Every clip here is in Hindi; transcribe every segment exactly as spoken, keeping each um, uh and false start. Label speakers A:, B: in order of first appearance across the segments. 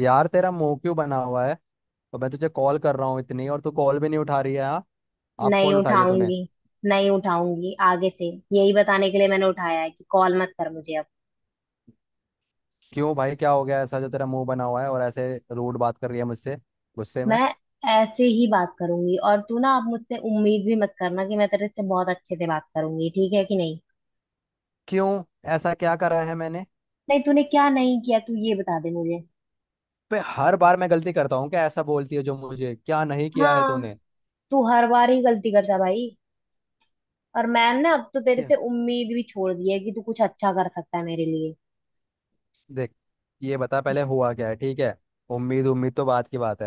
A: यार तेरा मुंह क्यों बना हुआ है। तो मैं तुझे कॉल कर रहा हूँ इतनी, और तू कॉल भी नहीं उठा रही है। हाँ, आप
B: नहीं
A: कॉल उठाइए तूने।
B: उठाऊंगी। नहीं उठाऊंगी आगे से। यही बताने के लिए मैंने उठाया है कि कॉल मत कर मुझे अब।
A: क्यों भाई, क्या हो गया ऐसा जो तेरा मुंह बना हुआ है और ऐसे रूड बात कर रही है मुझसे गुस्से में?
B: मैं ऐसे ही बात करूंगी और तू ना अब मुझसे उम्मीद भी मत करना कि मैं तेरे से बहुत अच्छे से बात करूंगी। ठीक है कि नहीं?
A: क्यों, ऐसा क्या करा है मैंने?
B: नहीं, तूने क्या नहीं किया तू ये बता दे मुझे।
A: पे हर बार मैं गलती करता हूँ क्या, ऐसा बोलती है जो मुझे, क्या नहीं किया है
B: हाँ,
A: तूने?
B: तू हर बार ही गलती करता भाई। और मैंने अब तो तेरे
A: क्या?
B: से उम्मीद भी छोड़ दी है कि तू कुछ अच्छा कर सकता है मेरे लिए।
A: देख, ये बता पहले हुआ क्या है, ठीक है। उम्मीद उम्मीद तो बात की बात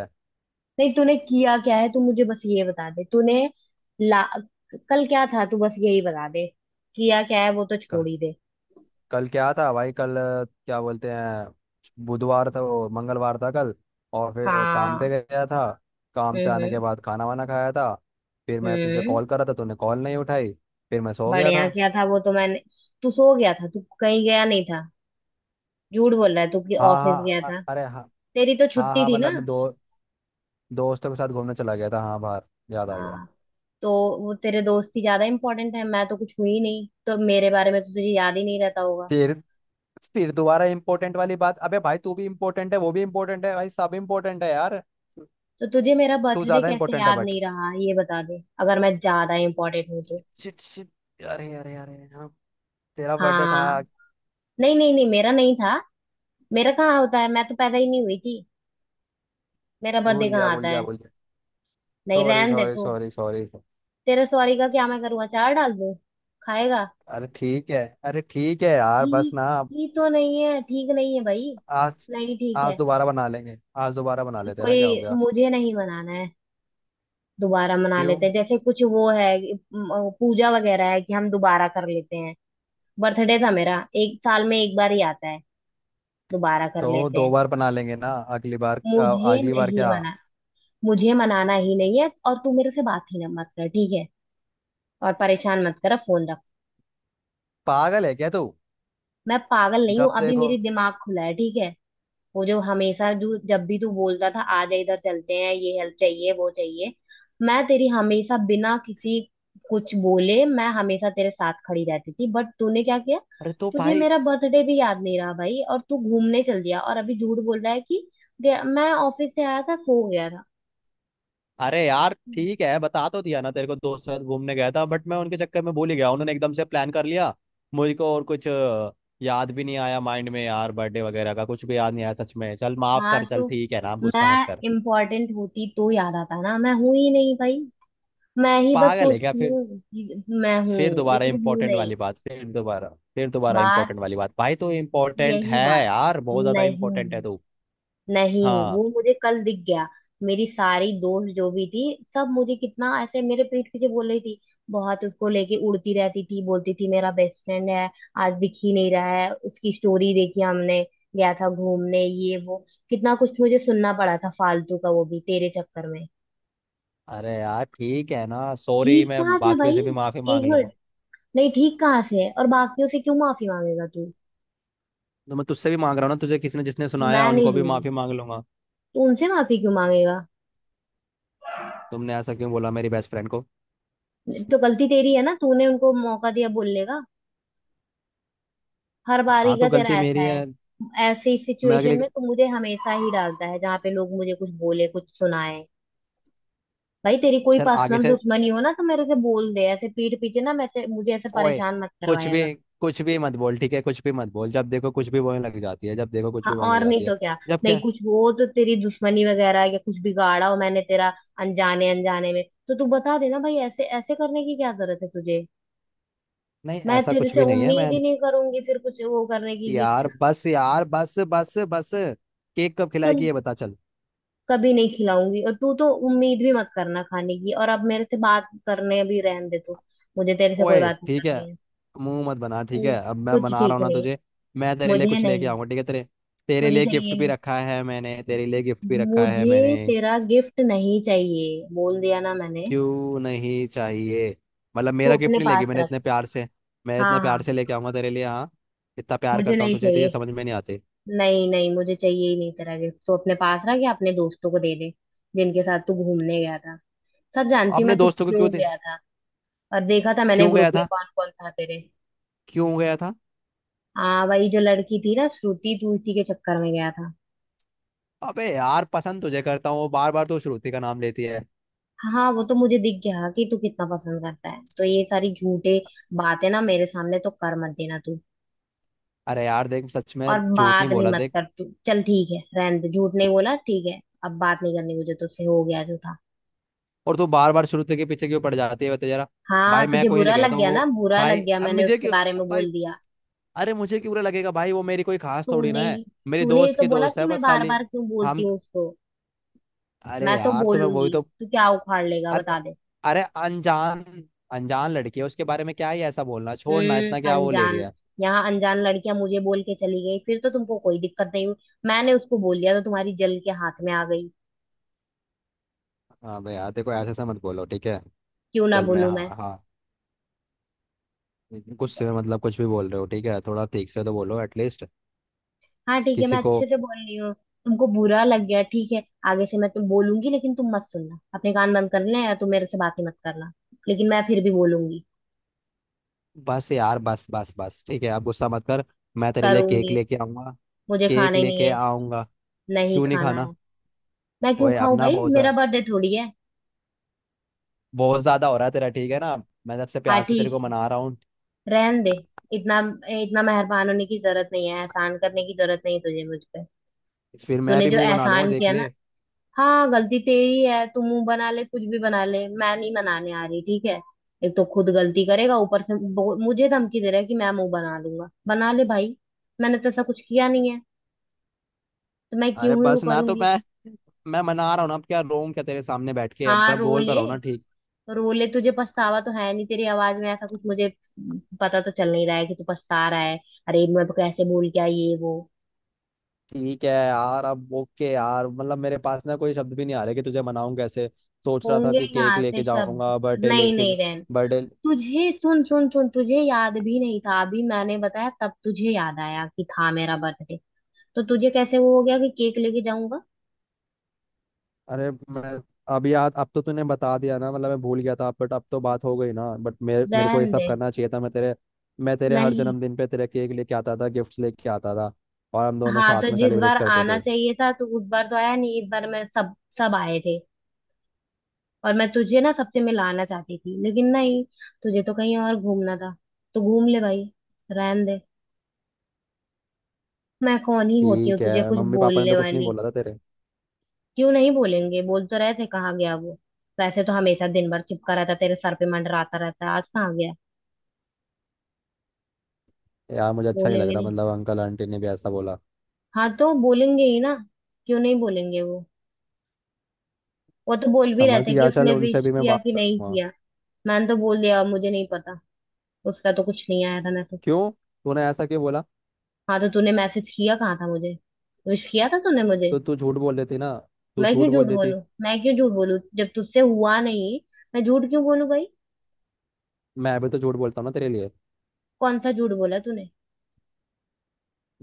B: नहीं तूने किया क्या है, तू मुझे बस ये बता दे। तूने ला, कल क्या था, तू बस यही बता दे। किया क्या है वो तो छोड़
A: है।
B: ही दे।
A: कल क्या था भाई? कल अ, क्या बोलते हैं, बुधवार था, वो मंगलवार था कल। और फिर वो काम पे
B: हाँ।
A: गया था। काम
B: हम्म।
A: से आने के
B: हम्म।
A: बाद खाना वाना खाया था। फिर मैं तुझे
B: हम्म।
A: कॉल करा था, तूने कॉल नहीं उठाई। फिर मैं सो गया
B: बढ़िया
A: था।
B: किया था वो तो मैंने। तू सो गया था, तू कहीं गया नहीं था? झूठ बोल रहा है तू कि
A: हाँ
B: ऑफिस
A: हाँ,
B: गया
A: अ-
B: था।
A: अरे हाँ।
B: तेरी तो
A: हाँ
B: छुट्टी
A: हाँ,
B: थी
A: मतलब
B: ना।
A: अपने दो दोस्तों के साथ घूमने चला गया था, हाँ, बाहर। याद आ गया।
B: हाँ। तो वो तेरे दोस्ती ज्यादा इंपॉर्टेंट है, मैं तो कुछ हुई नहीं तो मेरे बारे में तो तुझे याद ही नहीं रहता होगा।
A: फिर फिर दोबारा इंपॉर्टेंट वाली बात। अबे भाई, तू भी इंपॉर्टेंट है, वो भी इंपॉर्टेंट है भाई, सब इंपॉर्टेंट है यार।
B: तो तुझे मेरा
A: तू
B: बर्थडे
A: ज्यादा
B: कैसे
A: इंपॉर्टेंट है,
B: याद
A: बट
B: नहीं रहा ये बता दे, अगर मैं ज्यादा इंपॉर्टेंट हूँ तो।
A: शिट शिट, अरे अरे अरे हाँ, तेरा बर्थडे था।
B: हाँ। नहीं नहीं नहीं, मेरा नहीं था। मेरा कहाँ होता है, मैं तो पैदा ही नहीं हुई थी। मेरा
A: भूल
B: बर्थडे
A: गया,
B: कहाँ
A: भूल
B: आता
A: गया,
B: है।
A: भूल गया।
B: नहीं
A: सॉरी
B: रहन दे
A: सॉरी
B: तू।
A: Sorry sorry.
B: तेरे सॉरी का क्या मैं करूँ, अचार डाल दूँ? खाएगा?
A: अरे ठीक है। अरे ठीक है यार, बस
B: ठीक
A: ना अब।
B: ही तो नहीं है, ठीक नहीं है भाई।
A: आज
B: नहीं ठीक
A: आज
B: है।
A: दोबारा बना लेंगे। आज दोबारा बना लेते हैं ना,
B: कोई
A: क्या हो गया?
B: मुझे नहीं मनाना है। दोबारा मना
A: क्यों?
B: लेते हैं जैसे कुछ वो है कि, म, पूजा वगैरह है कि हम दोबारा कर लेते हैं। बर्थडे था मेरा, एक साल में एक बार ही आता है, दोबारा कर
A: तो
B: लेते
A: दो
B: हैं।
A: बार बना लेंगे ना अगली बार अ,
B: मुझे
A: अगली बार
B: नहीं
A: क्या?
B: मना। मुझे मनाना ही नहीं है, और तू मेरे से बात ही ना मत कर, ठीक है। और परेशान मत करो, फोन रख।
A: पागल है क्या तू?
B: मैं पागल नहीं हूँ,
A: जब
B: अभी
A: देखो।
B: मेरी दिमाग खुला है ठीक है। वो जो हमेशा, जो जब भी तू बोलता था आ जा इधर चलते हैं ये हेल्प चाहिए वो चाहिए, मैं तेरी हमेशा बिना किसी कुछ बोले मैं हमेशा तेरे साथ खड़ी रहती थी, बट तूने क्या किया?
A: अरे तो
B: तुझे
A: भाई,
B: मेरा बर्थडे भी याद नहीं रहा भाई, और तू घूमने चल दिया और अभी झूठ बोल रहा है कि गया- मैं ऑफिस से आया था सो गया था।
A: अरे यार ठीक है। बता तो दिया ना तेरे को, दोस्त के साथ घूमने गया था, बट मैं उनके चक्कर में भूल ही गया, उन्होंने एकदम से प्लान कर लिया। मुझको और कुछ अ, याद भी नहीं आया माइंड में यार, बर्थडे वगैरह का कुछ भी याद नहीं आया सच में। चल माफ
B: हाँ
A: कर, चल
B: तो
A: ठीक है ना, आप गुस्सा मत
B: मैं
A: कर।
B: इम्पोर्टेंट होती तो याद आता ना, मैं हूं ही नहीं भाई। मैं ही बस
A: पागल है क्या?
B: सोचती
A: फिर
B: हूँ कि मैं हूँ
A: फिर दोबारा
B: लेकिन हूँ
A: इंपॉर्टेंट
B: नहीं।
A: वाली बात। फिर दोबारा, फिर दोबारा
B: बात,
A: इंपॉर्टेंट वाली बात भाई, तो इंपॉर्टेंट
B: यही
A: है
B: बात।
A: यार, बहुत ज्यादा
B: नहीं
A: इंपॉर्टेंट है
B: हूँ,
A: तू।
B: नहीं हूँ,
A: हाँ।
B: वो मुझे कल दिख गया। मेरी सारी दोस्त जो भी थी, सब मुझे कितना ऐसे मेरे पीठ पीछे बोल रही थी। बहुत उसको लेके उड़ती रहती थी, बोलती थी मेरा बेस्ट फ्रेंड है, आज दिख ही नहीं रहा है, उसकी स्टोरी देखी हमने, गया था घूमने ये वो। कितना कुछ मुझे सुनना पड़ा था फालतू का, वो भी तेरे चक्कर में।
A: अरे यार ठीक है ना, सॉरी,
B: ठीक
A: मैं
B: कहा था
A: बाकियों
B: भाई।
A: से भी माफी
B: एक
A: मांग लूंगा।
B: मिनट, नहीं ठीक कहाँ से है? और बाकियों से क्यों माफी मांगेगा तू?
A: तो मैं तुझसे भी मांग रहा हूँ ना, तुझे किसी ने जिसने सुनाया
B: मैं नहीं
A: उनको भी
B: दूंगी।
A: माफी मांग लूंगा।
B: तू उनसे माफी क्यों मांगेगा?
A: तुमने ऐसा क्यों बोला मेरी बेस्ट फ्रेंड को?
B: तो गलती तेरी है ना, तूने उनको मौका दिया बोलने का। हर बारी
A: हाँ,
B: का
A: तो
B: तेरा
A: गलती
B: ऐसा
A: मेरी
B: है।
A: है।
B: ऐसी
A: मैं
B: सिचुएशन
A: अगले
B: में तू मुझे हमेशा ही डालता है जहाँ पे लोग मुझे कुछ बोले कुछ सुनाए। भाई तेरी कोई
A: चल आगे
B: पर्सनल
A: से।
B: दुश्मनी हो ना तो मेरे से बोल दे, ऐसे पीठ पीछे ना, मैं से- मुझे ऐसे
A: ओए,
B: परेशान मत
A: कुछ
B: करवाया कर।
A: भी, कुछ भी मत बोल, ठीक है? कुछ भी मत बोल। जब देखो कुछ भी बोलने लग जाती है, जब देखो कुछ
B: हाँ,
A: भी बोलने लग
B: और नहीं
A: जाती है।
B: तो क्या?
A: जब
B: नहीं
A: क्या?
B: कुछ हो तो तेरी दुश्मनी वगैरह या कुछ बिगाड़ा हो मैंने तेरा अनजाने, अनजाने में तो तू बता देना भाई, ऐसे ऐसे करने की क्या जरूरत है तुझे?
A: नहीं,
B: मैं
A: ऐसा
B: तेरे
A: कुछ
B: से
A: भी नहीं है
B: उम्मीद
A: मैं।
B: ही नहीं करूंगी फिर कुछ वो करने की कि।
A: यार बस, यार बस बस बस, केक कब खिलाएगी
B: चल,
A: ये बता, चल।
B: कभी नहीं खिलाऊंगी, और तू तो उम्मीद भी मत करना खाने की, और अब मेरे से बात करने भी रहने दे तू। मुझे तेरे से कोई
A: ओए
B: बात नहीं
A: ठीक है,
B: करनी है।
A: मुंह मत बना,
B: तू
A: ठीक है? अब मैं
B: कुछ
A: बना रहा
B: ठीक
A: हूँ ना
B: नहीं।
A: तुझे। मैं तेरे लिए
B: मुझे
A: कुछ लेके
B: नहीं।
A: आऊंगा, ठीक है? तेरे तेरे
B: मुझे
A: लिए गिफ्ट
B: चाहिए
A: भी
B: नहीं।
A: रखा है मैंने, तेरे लिए गिफ्ट भी रखा है मैंने।
B: मुझे तेरा गिफ्ट नहीं चाहिए, बोल दिया ना मैंने।
A: क्यों नहीं चाहिए? मतलब
B: तू
A: मेरा गिफ्ट
B: अपने
A: नहीं लेगी?
B: पास
A: मैंने
B: रख।
A: इतने प्यार से मैं
B: हाँ
A: इतने प्यार
B: हाँ।
A: से लेके आऊंगा तेरे लिए, हाँ। इतना प्यार
B: मुझे
A: करता हूँ
B: नहीं
A: तुझे, तो ये
B: चाहिए।
A: समझ में नहीं आते।
B: नहीं नहीं, मुझे चाहिए ही नहीं तेरा गिफ्ट, तो अपने पास रख या अपने दोस्तों को दे दे जिनके साथ तू घूमने गया था। सब जानती हूँ
A: अपने
B: मैं तू
A: दोस्तों को
B: क्यों
A: क्यों दे?
B: गया था। और देखा था मैंने
A: क्यों
B: ग्रुप
A: गया
B: में
A: था?
B: कौन कौन था तेरे।
A: क्यों गया था?
B: हाँ, वही जो लड़की थी ना, श्रुति, तू इसी के चक्कर में गया था।
A: अबे यार, पसंद तुझे करता हूँ, बार बार तू श्रुति का नाम लेती है।
B: हाँ हाँ, वो तो मुझे दिख गया कि तू कितना पसंद करता है, तो ये सारी झूठे बातें ना मेरे सामने तो कर मत देना तू।
A: अरे यार देख, सच में
B: और
A: झूठ नहीं
B: बात भी
A: बोला,
B: मत
A: देख।
B: कर तू, चल ठीक है, रहने दे, झूठ नहीं बोला ठीक है। अब बात नहीं करनी मुझे तुझसे, हो गया जो था।
A: और तू बार बार श्रुति के पीछे क्यों पड़ जाती है, बता जरा?
B: हाँ
A: भाई मैं
B: तुझे
A: कोई नहीं ले
B: बुरा
A: गया
B: लग
A: था
B: गया
A: वो।
B: ना, बुरा
A: भाई
B: लग गया
A: अब
B: मैंने
A: मुझे
B: उसके
A: क्यों,
B: बारे में
A: भाई,
B: बोल दिया।
A: अरे मुझे क्यों बुरा लगेगा भाई, वो मेरी कोई खास थोड़ी
B: तूने
A: ना है।
B: ही
A: मेरी
B: तूने ही
A: दोस्त
B: तो
A: की
B: बोला
A: दोस्त
B: कि
A: है
B: मैं
A: बस
B: बार
A: खाली।
B: बार क्यों बोलती
A: हम
B: हूँ उसको।
A: अरे
B: मैं तो
A: यार, तो मैं वही
B: बोलूंगी,
A: तो,
B: तू क्या उखाड़ लेगा
A: अरे तो,
B: बता दे।
A: अरे, अनजान अनजान लड़की है, उसके बारे में क्या ही ऐसा बोलना? छोड़ ना, इतना
B: हम्म,
A: क्या वो ले
B: अनजान,
A: रही है?
B: यहाँ अनजान लड़कियां मुझे बोल के चली गई फिर तो तुमको कोई दिक्कत नहीं हुई? मैंने उसको बोल दिया तो तुम्हारी जल के हाथ में आ गई।
A: हाँ भाई यार, देखो ऐसे ऐसे मत बोलो, ठीक है?
B: क्यों ना
A: चल मैं,
B: बोलूं
A: हाँ
B: मैं?
A: हाँ, गुस्से में मतलब कुछ भी बोल रहे हो, ठीक है? थोड़ा ठीक से तो बोलो एटलीस्ट,
B: हाँ ठीक है मैं
A: किसी को।
B: अच्छे से बोल रही हूँ। तुमको बुरा लग गया ठीक है। आगे से मैं तुम बोलूंगी, लेकिन तुम मत सुनना, अपने कान बंद कर लेना, या तुम मेरे से बात ही मत करना, लेकिन मैं फिर भी बोलूंगी।
A: बस यार, बस बस बस ठीक है, आप गुस्सा मत कर। मैं तेरे लिए
B: करूंगी,
A: केक लेके आऊंगा।
B: मुझे
A: केक
B: खाना ही नहीं
A: लेके
B: है।
A: आऊंगा।
B: नहीं
A: क्यों नहीं
B: खाना
A: खाना?
B: है। मैं क्यों
A: ओए
B: खाऊं
A: अपना
B: भाई,
A: बहुत ज्या-
B: मेरा बर्थडे थोड़ी है।
A: बहुत ज्यादा हो रहा है तेरा, ठीक है ना? मैं सबसे
B: हाँ
A: प्यार से तेरे को
B: ठीक,
A: मना रहा हूँ।
B: रहन दे। इतना, इतना मेहरबान होने की जरूरत नहीं है, एहसान करने की जरूरत नहीं है तुझे मुझ पे।
A: फिर मैं
B: तूने
A: भी
B: जो
A: मुंह बना लूंगा,
B: एहसान
A: देख
B: किया ना।
A: ले।
B: हाँ गलती तेरी है, तू मुंह बना ले कुछ भी बना ले, मैं नहीं मनाने आ रही ठीक है। एक तो खुद गलती करेगा, ऊपर से बो- मुझे धमकी दे रहा है कि मैं मुंह बना लूंगा, बना ले भाई। मैंने तो ऐसा कुछ किया नहीं है, तो मैं
A: अरे
B: क्यों ही वो
A: बस ना, तो
B: करूंगी।
A: मैं मैं मना रहा हूँ ना। अब क्या रोऊं क्या तेरे सामने बैठ के? अब
B: हाँ
A: मैं
B: रो
A: बोलता
B: ले,
A: रहा हूँ ना, ठीक?
B: पर बोले तुझे पछतावा तो है नहीं, तेरी आवाज में ऐसा कुछ मुझे पता तो चल नहीं रहा है कि तू पछता रहा है। अरे मैं तो कैसे बोल क्या ये वो,
A: ठीक है यार, अब ओके यार, मतलब मेरे पास ना कोई शब्द भी नहीं आ रहे कि तुझे मनाऊं कैसे। सोच रहा था
B: होंगे
A: कि केक
B: यहाँ से
A: लेके
B: शब्द।
A: जाऊंगा, बर्थडे
B: नहीं
A: लेके,
B: नहीं रहन।
A: बर्थडे।
B: तुझे सुन सुन सुन, तुझे याद भी नहीं था, अभी मैंने बताया तब तुझे याद आया कि था मेरा बर्थडे। तो तुझे कैसे वो हो गया कि केक लेके जाऊंगा?
A: अरे मैं, अब यार, अब तो तूने बता दिया ना, मतलब मैं भूल गया था बट अब तो बात हो गई ना। बट मेरे मेरे को ये
B: रहन
A: सब
B: दे।
A: करना चाहिए था। मैं तेरे मैं तेरे हर
B: नहीं।
A: जन्मदिन पे तेरे केक लेके आता था, गिफ्ट्स लेके आता था और हम दोनों
B: हाँ तो
A: साथ में
B: जिस
A: सेलिब्रेट
B: बार
A: करते
B: आना
A: थे।
B: चाहिए था तो उस बार तो आया नहीं, इस बार मैं सब सब आए थे, और मैं तुझे ना सबसे मिलाना चाहती थी लेकिन नहीं, तुझे तो कहीं और घूमना था, तो घूम ले भाई, रहन दे, मैं कौन ही होती हूँ
A: ठीक
B: तुझे
A: है,
B: कुछ
A: मम्मी पापा ने
B: बोलने
A: तो कुछ नहीं
B: वाली।
A: बोला था तेरे?
B: क्यों नहीं बोलेंगे, बोल तो रहे थे कहाँ गया वो, वैसे तो हमेशा दिन भर चिपका रहता, तेरे सर पे मंडराता रहता है, आज कहाँ गया।
A: यार मुझे अच्छा नहीं लग
B: बोलेंगे
A: रहा,
B: नहीं।
A: मतलब अंकल आंटी ने भी ऐसा बोला?
B: हाँ तो बोलेंगे ही ना, क्यों नहीं बोलेंगे वो वो तो बोल भी रहे
A: समझ
B: थे कि
A: गया, चल
B: उसने
A: उनसे
B: विश
A: भी मैं
B: किया
A: बात
B: कि
A: कर
B: नहीं
A: लूंगा।
B: किया। मैंने तो बोल दिया मुझे नहीं पता, उसका तो कुछ नहीं आया था मैसेज।
A: क्यों, तूने ऐसा क्यों बोला?
B: हाँ तो तूने मैसेज किया कहाँ था मुझे, विश किया था तूने मुझे?
A: तो तू झूठ बोल देती ना, तू
B: मैं क्यों
A: झूठ
B: झूठ
A: बोल देती।
B: बोलूं, मैं क्यों झूठ बोलूं जब तुझसे हुआ नहीं, मैं झूठ क्यों बोलूं भाई।
A: मैं भी तो झूठ बोलता हूँ ना तेरे लिए,
B: कौन सा झूठ बोला तूने?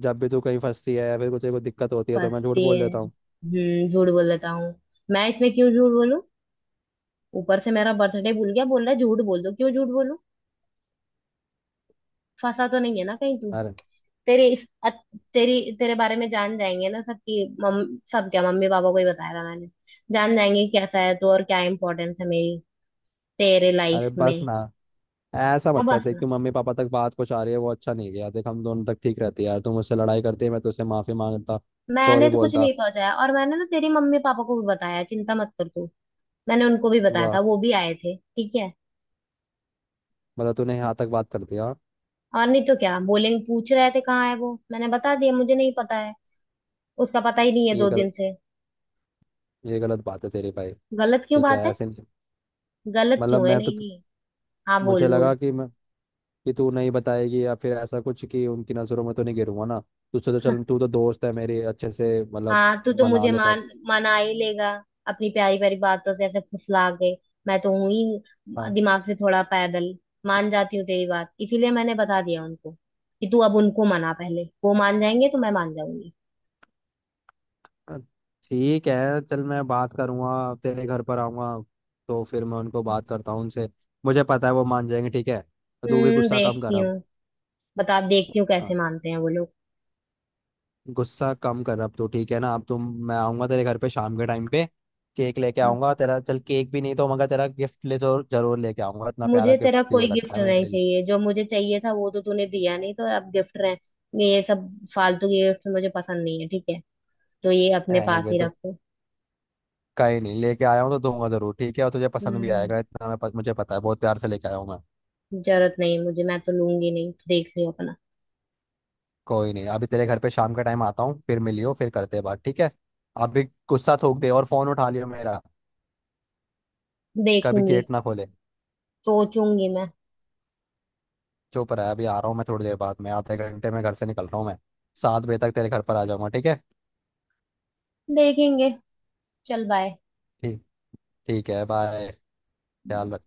A: जब भी तू कहीं फंसती है या फिर कुछ कोई दिक्कत होती है तो मैं झूठ
B: फंसती
A: बोल
B: है,
A: देता हूँ।
B: हम्म, झूठ बोल देता हूँ। मैं इसमें क्यों झूठ बोलूं? ऊपर से मेरा बर्थडे भूल गया, बोल रहा है झूठ बोल दो, क्यों झूठ बोलूं? फंसा तो नहीं है ना कहीं तू?
A: अरे,
B: तेरे इस अत- तेरी तेरे बारे में जान जाएंगे ना सब कि मम, सब क्या, मम्मी पापा को ही बताया था मैंने। जान जाएंगे कि कैसा है तू और क्या इम्पोर्टेंस है मेरी तेरे
A: अरे
B: लाइफ
A: बस
B: में।
A: ना, ऐसा
B: अब
A: मत करते
B: बस,
A: कि मम्मी पापा तक बात कुछ आ रही है, वो अच्छा नहीं गया। देख, हम दोनों तक ठीक रहती है यार, तू मुझसे लड़ाई करती है, मैं तुझसे माफी मांगता,
B: मैंने
A: सॉरी
B: तो कुछ
A: बोलता।
B: नहीं पहुंचाया, और मैंने ना तेरी मम्मी पापा को भी बताया, चिंता मत कर तू। मैंने उनको भी बताया
A: वाह,
B: था, वो भी आए थे ठीक है।
A: मतलब तूने यहाँ तक बात कर दिया, हाँ?
B: और नहीं तो क्या, बोलेंगे, पूछ रहे थे कहाँ है वो, मैंने बता दिया मुझे नहीं पता है, उसका पता ही नहीं है
A: ये
B: दो दिन
A: गलत,
B: से।
A: ये गलत बात है तेरी भाई।
B: गलत क्यों
A: ठीक है
B: बात है?
A: ऐसे नहीं,
B: गलत
A: मतलब
B: क्यों है?
A: मैं तो,
B: नहीं नहीं। हाँ
A: मुझे
B: बोल बोल।
A: लगा कि मैं कि तू नहीं बताएगी या फिर ऐसा कुछ, कि उनकी नज़रों में तो नहीं गिरूंगा ना। तुझसे तो चल, तू तो दोस्त है मेरी अच्छे से, मतलब
B: हाँ तू तो
A: मना
B: मुझे
A: लेता।
B: मान, मना ही लेगा अपनी प्यारी प्यारी बातों से ऐसे फुसला के। मैं तो हूं ही
A: हाँ
B: दिमाग से थोड़ा पैदल, मान जाती हूँ तेरी बात, इसीलिए मैंने बता दिया उनको कि तू अब उनको मना, पहले वो मान जाएंगे तो मैं मान जाऊंगी।
A: ठीक है, चल मैं बात करूंगा, तेरे घर पर आऊंगा, तो फिर मैं उनको बात करता हूँ उनसे, मुझे पता है वो मान जाएंगे, ठीक है? तो तू भी
B: हम्म
A: गुस्सा कम कर
B: देखती हूँ।
A: अब।
B: बता, देखती हूँ कैसे
A: हाँ,
B: मानते हैं वो लोग।
A: गुस्सा कम कर अब तू, ठीक है ना? अब तुम, मैं आऊंगा तेरे घर पे शाम के टाइम पे। केक लेके आऊंगा तेरा, चल केक भी नहीं तो मगर तेरा गिफ्ट ले तो जरूर लेके आऊंगा, इतना प्यारा
B: मुझे
A: गिफ्ट
B: तेरा कोई
A: दे रखा
B: गिफ्ट
A: है मैंने
B: नहीं
A: तेरे लिए।
B: चाहिए, जो मुझे चाहिए था वो तो तूने दिया नहीं, तो अब गिफ्ट रहे ये सब, फालतू के गिफ्ट मुझे पसंद नहीं है ठीक है, तो ये अपने
A: रहने
B: पास ही
A: दे,
B: रखो।
A: कहीं नहीं, लेके आया हूँ तो दूंगा जरूर, ठीक है? और तुझे पसंद भी
B: हम्म,
A: आएगा इतना, मैं, मुझे पता है, बहुत प्यार से लेके आया हूँ मैं।
B: जरूरत नहीं है मुझे, मैं तो लूंगी नहीं, देख लियो अपना।
A: कोई नहीं, अभी तेरे घर पे शाम का टाइम आता हूँ, फिर मिलियो, फिर करते हैं बात, ठीक है? अभी गुस्सा थूक दे और फोन उठा लियो मेरा। कभी
B: देखूंगी।
A: गेट ना खोले।
B: सोचूंगी मैं।
A: चुप रहा, अभी आ रहा हूँ मैं थोड़ी देर बाद में, आधे घंटे में घर से निकल रहा हूँ मैं, सात बजे तक तेरे घर पर आ जाऊंगा, ठीक है?
B: देखेंगे। चल बाय।
A: ठीक, ठीक है बाय। ख्याल रख।